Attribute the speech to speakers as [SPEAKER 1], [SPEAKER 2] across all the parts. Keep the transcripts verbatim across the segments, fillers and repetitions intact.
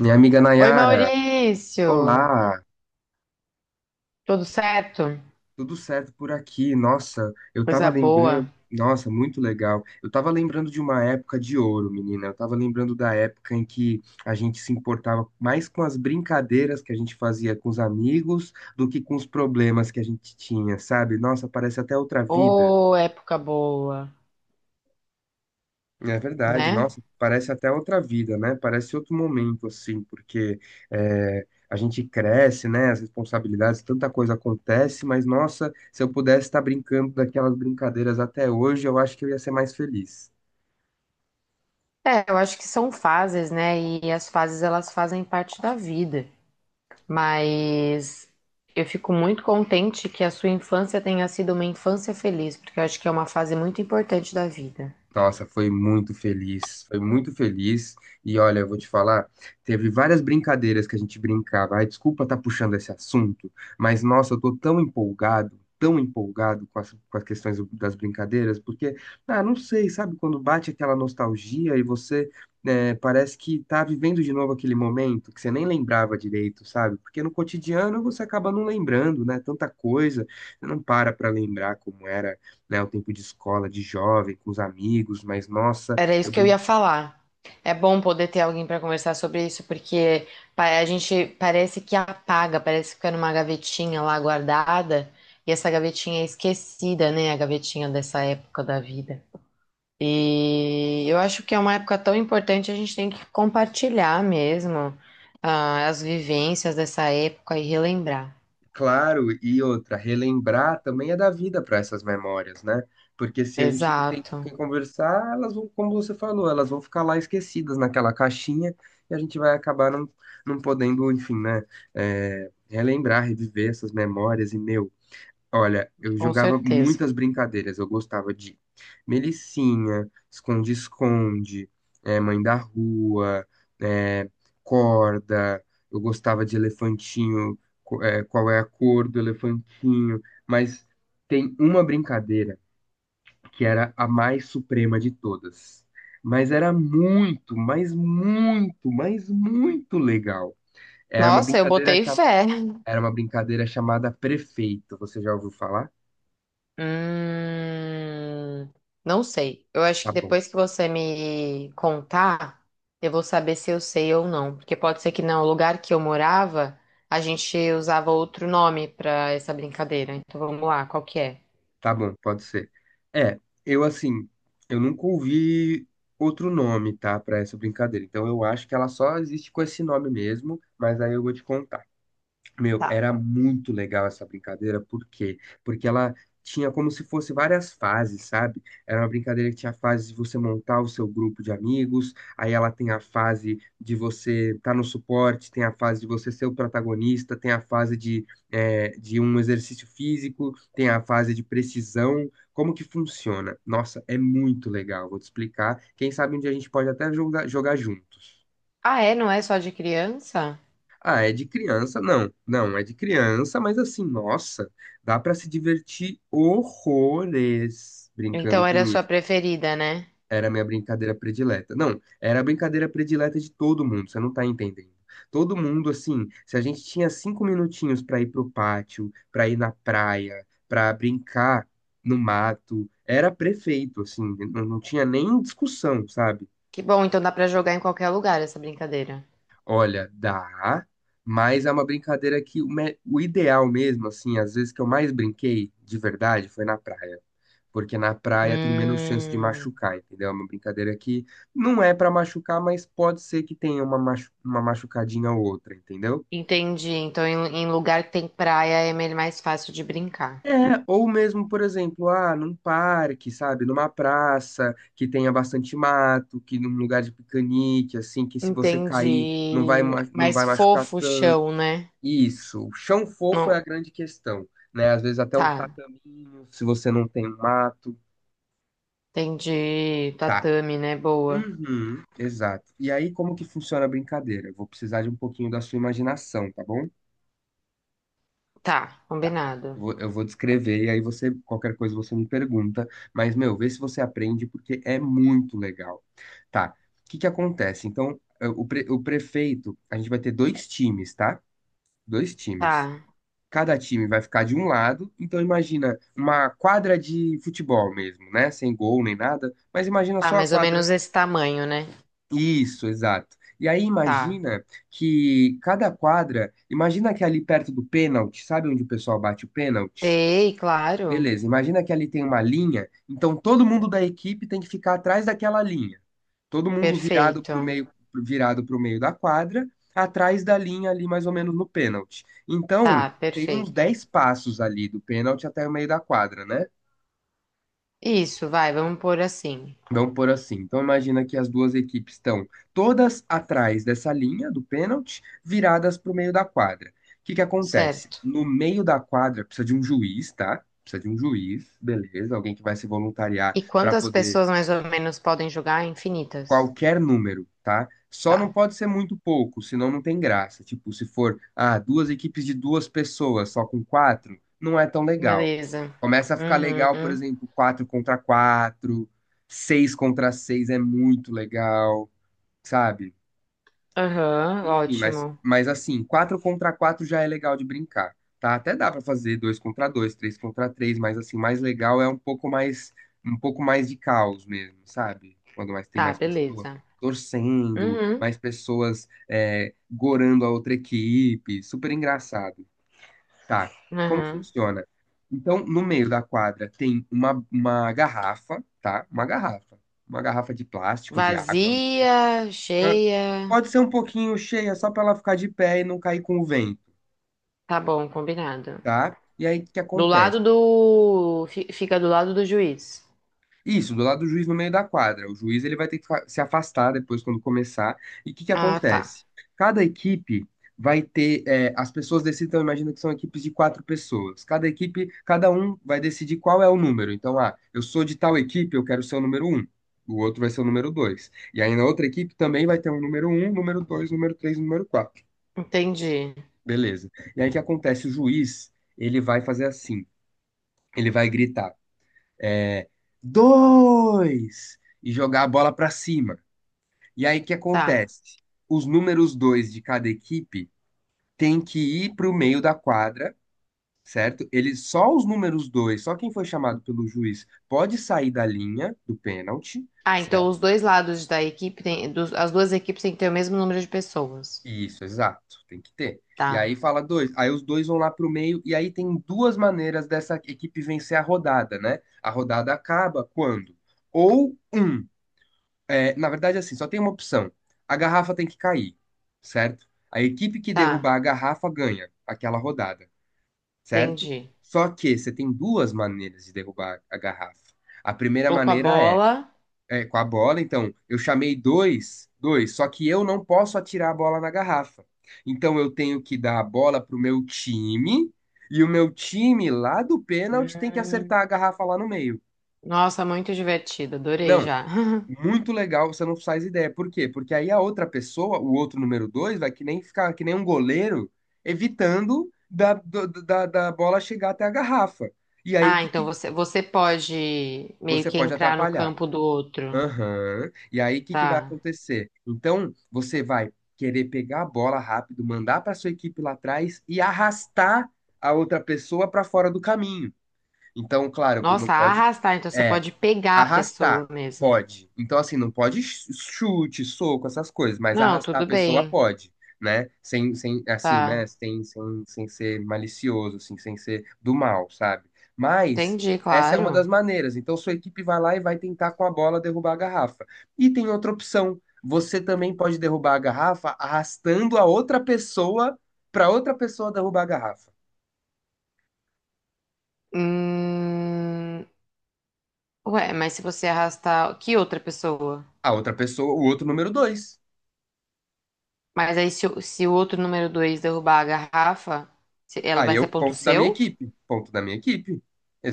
[SPEAKER 1] Minha amiga
[SPEAKER 2] Oi,
[SPEAKER 1] Nayara,
[SPEAKER 2] Maurício!
[SPEAKER 1] olá,
[SPEAKER 2] Tudo certo?
[SPEAKER 1] tudo certo por aqui? Nossa, eu tava
[SPEAKER 2] Coisa
[SPEAKER 1] lembrando,
[SPEAKER 2] boa.
[SPEAKER 1] nossa, muito legal. Eu tava lembrando de uma época de ouro, menina. Eu tava lembrando da época em que a gente se importava mais com as brincadeiras que a gente fazia com os amigos do que com os problemas que a gente tinha, sabe? Nossa, parece até outra vida.
[SPEAKER 2] Ô, época boa,
[SPEAKER 1] É verdade,
[SPEAKER 2] né?
[SPEAKER 1] nossa, parece até outra vida, né? Parece outro momento, assim, porque é, a gente cresce, né? As responsabilidades, tanta coisa acontece, mas nossa, se eu pudesse estar brincando daquelas brincadeiras até hoje, eu acho que eu ia ser mais feliz.
[SPEAKER 2] É, eu acho que são fases, né? E as fases elas fazem parte da vida. Mas eu fico muito contente que a sua infância tenha sido uma infância feliz, porque eu acho que é uma fase muito importante da vida.
[SPEAKER 1] Nossa, foi muito feliz, foi muito feliz. E olha, eu vou te falar, teve várias brincadeiras que a gente brincava. Ai, desculpa estar puxando esse assunto, mas nossa, eu tô tão empolgado, tão empolgado com as, com as questões das brincadeiras, porque, ah, não sei, sabe, quando bate aquela nostalgia e você né, parece que tá vivendo de novo aquele momento que você nem lembrava direito, sabe? Porque no cotidiano você acaba não lembrando, né? Tanta coisa, você não para pra lembrar como era, né? O tempo de escola, de jovem, com os amigos, mas nossa,
[SPEAKER 2] Era isso
[SPEAKER 1] eu
[SPEAKER 2] que eu
[SPEAKER 1] brinco.
[SPEAKER 2] ia falar. É bom poder ter alguém para conversar sobre isso, porque pa- a gente parece que apaga, parece que fica numa gavetinha lá guardada, e essa gavetinha é esquecida, né? A gavetinha dessa época da vida. E eu acho que é uma época tão importante, a gente tem que compartilhar mesmo, ah, as vivências dessa época e relembrar.
[SPEAKER 1] Claro, e outra, relembrar também é dar vida para essas memórias, né? Porque se a gente não tem com
[SPEAKER 2] Exato,
[SPEAKER 1] quem conversar, elas vão, como você falou, elas vão ficar lá esquecidas naquela caixinha e a gente vai acabar não, não podendo, enfim, né? É, relembrar, reviver essas memórias e, meu. Olha, eu
[SPEAKER 2] com
[SPEAKER 1] jogava
[SPEAKER 2] certeza.
[SPEAKER 1] muitas brincadeiras. Eu gostava de Melicinha, esconde-esconde, eh, mãe da rua, eh, corda. Eu gostava de elefantinho, co- eh, qual é a cor do elefantinho. Mas tem uma brincadeira que era a mais suprema de todas. Mas era muito, mas muito, mas muito legal. Era uma
[SPEAKER 2] Nossa, eu
[SPEAKER 1] brincadeira,
[SPEAKER 2] botei
[SPEAKER 1] cha-
[SPEAKER 2] fé.
[SPEAKER 1] era uma brincadeira chamada prefeito. Você já ouviu falar?
[SPEAKER 2] Hum, não sei. Eu acho
[SPEAKER 1] Tá
[SPEAKER 2] que
[SPEAKER 1] bom.
[SPEAKER 2] depois que você me contar, eu vou saber se eu sei ou não. Porque pode ser que não. O lugar que eu morava, a gente usava outro nome pra essa brincadeira. Então vamos lá, qual que é?
[SPEAKER 1] Tá bom, pode ser. É, eu assim, eu nunca ouvi outro nome, tá, pra essa brincadeira. Então eu acho que ela só existe com esse nome mesmo, mas aí eu vou te contar. Meu,
[SPEAKER 2] Tá.
[SPEAKER 1] era muito legal essa brincadeira, por quê? Porque ela tinha como se fosse várias fases, sabe? Era uma brincadeira que tinha a fase de você montar o seu grupo de amigos, aí ela tem a fase de você estar no suporte, tem a fase de você ser o protagonista, tem a fase de, é, de um exercício físico, tem a fase de precisão. Como que funciona? Nossa, é muito legal, vou te explicar. Quem sabe um dia a gente pode até jogar, jogar juntos.
[SPEAKER 2] Ah, é? Não é só de criança?
[SPEAKER 1] Ah, é de criança? Não, não, é de criança, mas assim, nossa, dá pra se divertir horrores brincando
[SPEAKER 2] Então era
[SPEAKER 1] com
[SPEAKER 2] a sua
[SPEAKER 1] isso.
[SPEAKER 2] preferida, né?
[SPEAKER 1] Era a minha brincadeira predileta. Não, era a brincadeira predileta de todo mundo, você não tá entendendo. Todo mundo, assim, se a gente tinha cinco minutinhos pra ir pro pátio, pra ir na praia, pra brincar no mato, era prefeito, assim, não, não tinha nem discussão, sabe?
[SPEAKER 2] Que bom, então dá pra jogar em qualquer lugar essa brincadeira.
[SPEAKER 1] Olha, dá, mas é uma brincadeira que o, me- o ideal mesmo, assim, às vezes que eu mais brinquei de verdade foi na praia. Porque na praia tem menos chance de
[SPEAKER 2] Hum,
[SPEAKER 1] machucar, entendeu? É uma brincadeira que não é pra machucar, mas pode ser que tenha uma, machu- uma machucadinha ou outra, entendeu?
[SPEAKER 2] entendi. Então em, em lugar que tem praia é mais fácil de brincar.
[SPEAKER 1] É, ou mesmo, por exemplo, ah, num parque, sabe? Numa praça que tenha bastante mato, que num lugar de piquenique, assim, que se você cair não vai,
[SPEAKER 2] Entendi.
[SPEAKER 1] ma- não
[SPEAKER 2] Mais
[SPEAKER 1] vai machucar.
[SPEAKER 2] fofo o chão, né?
[SPEAKER 1] Isso, o chão fofo é
[SPEAKER 2] Não,
[SPEAKER 1] a grande questão, né? Às vezes até um
[SPEAKER 2] tá.
[SPEAKER 1] tataminho, se você não tem um mato,
[SPEAKER 2] Entendi.
[SPEAKER 1] tá.
[SPEAKER 2] Tatame, né? Boa.
[SPEAKER 1] Uhum, exato. E aí, como que funciona a brincadeira? Eu vou precisar de um pouquinho da sua imaginação, tá bom?
[SPEAKER 2] Tá,
[SPEAKER 1] Tá. Eu
[SPEAKER 2] combinado.
[SPEAKER 1] vou, eu vou descrever e aí você, qualquer coisa você me pergunta, mas, meu, vê se você aprende porque é muito legal. Tá. O que que acontece? Então, eh, o, pre- o prefeito, a gente vai ter dois times, tá? Dois times.
[SPEAKER 2] Tá.
[SPEAKER 1] Cada time vai ficar de um lado, então imagina uma quadra de futebol mesmo, né? Sem gol nem nada, mas imagina
[SPEAKER 2] Tá,
[SPEAKER 1] só a
[SPEAKER 2] mais ou
[SPEAKER 1] quadra.
[SPEAKER 2] menos esse tamanho, né?
[SPEAKER 1] Isso, exato. E aí
[SPEAKER 2] Tá.
[SPEAKER 1] imagina que cada quadra, imagina que ali perto do pênalti, sabe onde o pessoal bate o pênalti?
[SPEAKER 2] Dei, claro.
[SPEAKER 1] Beleza, imagina que ali tem uma linha, então todo mundo da equipe tem que ficar atrás daquela linha. Todo mundo virado
[SPEAKER 2] Perfeito.
[SPEAKER 1] para o meio, virado para meio da quadra, atrás da linha ali mais ou menos no pênalti. Então,
[SPEAKER 2] Tá,
[SPEAKER 1] tem uns
[SPEAKER 2] perfeito.
[SPEAKER 1] dez passos ali do pênalti até o meio da quadra, né?
[SPEAKER 2] Isso, vai, vamos pôr assim.
[SPEAKER 1] Vamos por assim. Então, imagina que as duas equipes estão todas atrás dessa linha do pênalti, viradas para o meio da quadra. O que que acontece?
[SPEAKER 2] Certo.
[SPEAKER 1] No meio da quadra precisa de um juiz, tá? Precisa de um juiz, beleza, alguém que vai se voluntariar
[SPEAKER 2] E
[SPEAKER 1] para
[SPEAKER 2] quantas
[SPEAKER 1] poder
[SPEAKER 2] pessoas mais ou menos podem jogar? Infinitas.
[SPEAKER 1] qualquer número, tá? Só não
[SPEAKER 2] Tá.
[SPEAKER 1] pode ser muito pouco, senão não tem graça. Tipo, se for, ah, duas equipes de duas pessoas, só com quatro, não é tão legal.
[SPEAKER 2] Beleza.
[SPEAKER 1] Começa a ficar legal, por
[SPEAKER 2] Uhum.
[SPEAKER 1] exemplo, quatro contra quatro, seis contra seis é muito legal, sabe?
[SPEAKER 2] Aham,
[SPEAKER 1] Enfim, mas,
[SPEAKER 2] ótimo.
[SPEAKER 1] mas assim, quatro contra quatro já é legal de brincar, tá? Até dá pra fazer dois contra dois três contra três, mas assim, mais legal é um pouco mais um pouco mais de caos mesmo, sabe? Quando mais tem
[SPEAKER 2] Tá,
[SPEAKER 1] mais pessoas
[SPEAKER 2] beleza.
[SPEAKER 1] torcendo,
[SPEAKER 2] Uhum.
[SPEAKER 1] mais pessoas é, gorando a outra equipe, super engraçado, tá? Como
[SPEAKER 2] Aham.
[SPEAKER 1] funciona? Então, no meio da quadra tem uma, uma garrafa, tá? Uma garrafa, uma garrafa de plástico, de água,
[SPEAKER 2] Vazia,
[SPEAKER 1] mas
[SPEAKER 2] cheia.
[SPEAKER 1] pode ser um pouquinho cheia, só para ela ficar de pé e não cair com o vento,
[SPEAKER 2] Tá bom, combinado.
[SPEAKER 1] tá? E aí o que
[SPEAKER 2] Do
[SPEAKER 1] acontece?
[SPEAKER 2] lado do. Fi- Fica do lado do juiz.
[SPEAKER 1] Isso, do lado do juiz no meio da quadra. O juiz ele vai ter que fa- se afastar depois quando começar. E o que que
[SPEAKER 2] Ah, tá.
[SPEAKER 1] acontece? Cada equipe vai ter, é, as pessoas decidem, então imagina que são equipes de quatro pessoas. Cada equipe, cada um vai decidir qual é o número. Então, ah, eu sou de tal equipe, eu quero ser o número um. O outro vai ser o número dois. E aí na outra equipe também vai ter um número um, número dois, número três, número quatro.
[SPEAKER 2] Entendi.
[SPEAKER 1] Beleza. E aí o que acontece? O juiz, ele vai fazer assim. Ele vai gritar, é, dois, e jogar a bola pra cima. E aí o que
[SPEAKER 2] Tá.
[SPEAKER 1] acontece? Os números dois de cada equipe têm que ir pro meio da quadra, certo? Eles, só os números dois, só quem foi chamado pelo juiz pode sair da linha do pênalti,
[SPEAKER 2] Ah, então
[SPEAKER 1] certo?
[SPEAKER 2] os dois lados da equipe tem. Dos- as duas equipes têm que ter o mesmo número de pessoas.
[SPEAKER 1] Isso, exato. Tem que ter. E
[SPEAKER 2] Tá.
[SPEAKER 1] aí fala dois. Aí os dois vão lá pro meio. E aí tem duas maneiras dessa equipe vencer a rodada, né? A rodada acaba quando? Ou um. É, na verdade, assim, só tem uma opção. A garrafa tem que cair, certo? A equipe que derrubar
[SPEAKER 2] Tá.
[SPEAKER 1] a garrafa ganha aquela rodada, certo?
[SPEAKER 2] Entendi.
[SPEAKER 1] Só que você tem duas maneiras de derrubar a garrafa. A primeira
[SPEAKER 2] Tô com a
[SPEAKER 1] maneira é
[SPEAKER 2] bola.
[SPEAKER 1] é, com a bola, então eu chamei dois, dois, só que eu não posso atirar a bola na garrafa. Então eu tenho que dar a bola pro meu time e o meu time lá do pênalti tem que
[SPEAKER 2] Hum.
[SPEAKER 1] acertar a garrafa lá no meio.
[SPEAKER 2] Nossa, muito divertido. Adorei
[SPEAKER 1] Não,
[SPEAKER 2] já.
[SPEAKER 1] muito legal, você não faz ideia. Por quê? Porque aí a outra pessoa, o outro número dois, vai que nem ficar que nem um goleiro evitando da, do- da, da bola chegar até a garrafa. E aí
[SPEAKER 2] Ah,
[SPEAKER 1] que,
[SPEAKER 2] então
[SPEAKER 1] que
[SPEAKER 2] você, você pode meio
[SPEAKER 1] você
[SPEAKER 2] que
[SPEAKER 1] pode
[SPEAKER 2] entrar no
[SPEAKER 1] atrapalhar.
[SPEAKER 2] campo do outro.
[SPEAKER 1] Aham. E aí, o que que vai
[SPEAKER 2] Tá.
[SPEAKER 1] acontecer? Então, você vai querer pegar a bola rápido, mandar para sua equipe lá atrás e arrastar a outra pessoa para fora do caminho. Então, claro, não
[SPEAKER 2] Nossa,
[SPEAKER 1] pode.
[SPEAKER 2] arrastar, então você
[SPEAKER 1] é,
[SPEAKER 2] pode pegar a
[SPEAKER 1] Arrastar,
[SPEAKER 2] pessoa mesmo.
[SPEAKER 1] pode. Então, assim, não pode ch- chute, soco, essas coisas, mas
[SPEAKER 2] Não,
[SPEAKER 1] arrastar a
[SPEAKER 2] tudo
[SPEAKER 1] pessoa
[SPEAKER 2] bem.
[SPEAKER 1] pode, né? Sem, sem, assim, né?
[SPEAKER 2] Tá.
[SPEAKER 1] Sem, sem, sem ser malicioso, assim, sem ser do mal, sabe? Mas
[SPEAKER 2] Entendi,
[SPEAKER 1] essa é uma
[SPEAKER 2] claro.
[SPEAKER 1] das maneiras. Então, sua equipe vai lá e vai tentar com a bola derrubar a garrafa. E tem outra opção. Você também pode derrubar a garrafa arrastando a outra pessoa para outra pessoa derrubar a garrafa.
[SPEAKER 2] Hum... Ué, mas se você arrastar. Que outra pessoa?
[SPEAKER 1] A outra pessoa, o outro número dois.
[SPEAKER 2] Mas aí, se, o- se o outro número dois derrubar a garrafa, se- ela
[SPEAKER 1] Aí
[SPEAKER 2] vai ser
[SPEAKER 1] eu,
[SPEAKER 2] ponto
[SPEAKER 1] ponto da
[SPEAKER 2] seu?
[SPEAKER 1] minha equipe, ponto da minha equipe.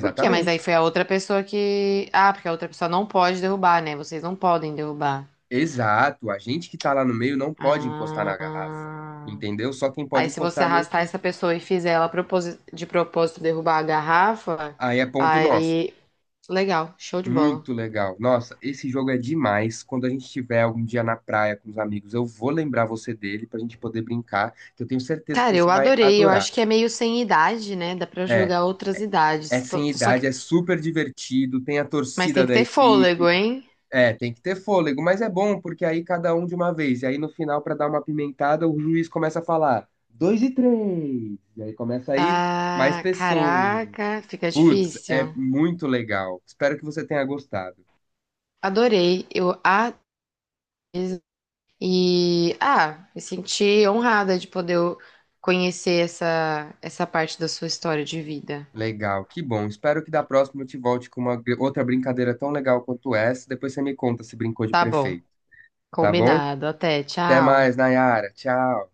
[SPEAKER 2] Por quê? Mas aí foi a outra pessoa que. Ah, porque a outra pessoa não pode derrubar, né? Vocês não podem derrubar.
[SPEAKER 1] Exato. A gente que tá lá no meio não pode encostar na garrafa,
[SPEAKER 2] Ah.
[SPEAKER 1] entendeu? Só quem pode
[SPEAKER 2] Aí, se você
[SPEAKER 1] encostar é a minha
[SPEAKER 2] arrastar
[SPEAKER 1] equipe.
[SPEAKER 2] essa pessoa e fizer ela proposi- de propósito derrubar a garrafa,
[SPEAKER 1] Aí é ponto nosso.
[SPEAKER 2] aí. Legal, show de bola.
[SPEAKER 1] Muito legal. Nossa, esse jogo é demais. Quando a gente estiver algum dia na praia com os amigos, eu vou lembrar você dele pra gente poder brincar, que eu tenho certeza que
[SPEAKER 2] Cara, eu
[SPEAKER 1] você vai
[SPEAKER 2] adorei. Eu
[SPEAKER 1] adorar.
[SPEAKER 2] acho que é meio sem idade, né? Dá pra
[SPEAKER 1] É,
[SPEAKER 2] jogar outras
[SPEAKER 1] é, é
[SPEAKER 2] idades. Tô-
[SPEAKER 1] sem
[SPEAKER 2] tô- Só que.
[SPEAKER 1] idade, é super divertido, tem a
[SPEAKER 2] Mas tem
[SPEAKER 1] torcida
[SPEAKER 2] que
[SPEAKER 1] da
[SPEAKER 2] ter fôlego,
[SPEAKER 1] equipe.
[SPEAKER 2] hein?
[SPEAKER 1] É, tem que ter fôlego, mas é bom porque aí cada um de uma vez. E aí no final, pra dar uma pimentada, o juiz começa a falar dois e três. E aí começa a ir mais
[SPEAKER 2] Ah,
[SPEAKER 1] pessoas.
[SPEAKER 2] caraca, fica
[SPEAKER 1] Putz, é
[SPEAKER 2] difícil.
[SPEAKER 1] muito legal. Espero que você tenha gostado.
[SPEAKER 2] Adorei. Eu a e ah, me senti honrada de poder conhecer essa essa parte da sua história de vida.
[SPEAKER 1] Legal, que bom. Espero que da próxima eu te volte com uma gr- outra brincadeira tão legal quanto essa. Depois você me conta se brincou de
[SPEAKER 2] Tá bom.
[SPEAKER 1] prefeito, tá bom?
[SPEAKER 2] Combinado. Até,
[SPEAKER 1] Até
[SPEAKER 2] tchau.
[SPEAKER 1] mais, Nayara. Tchau.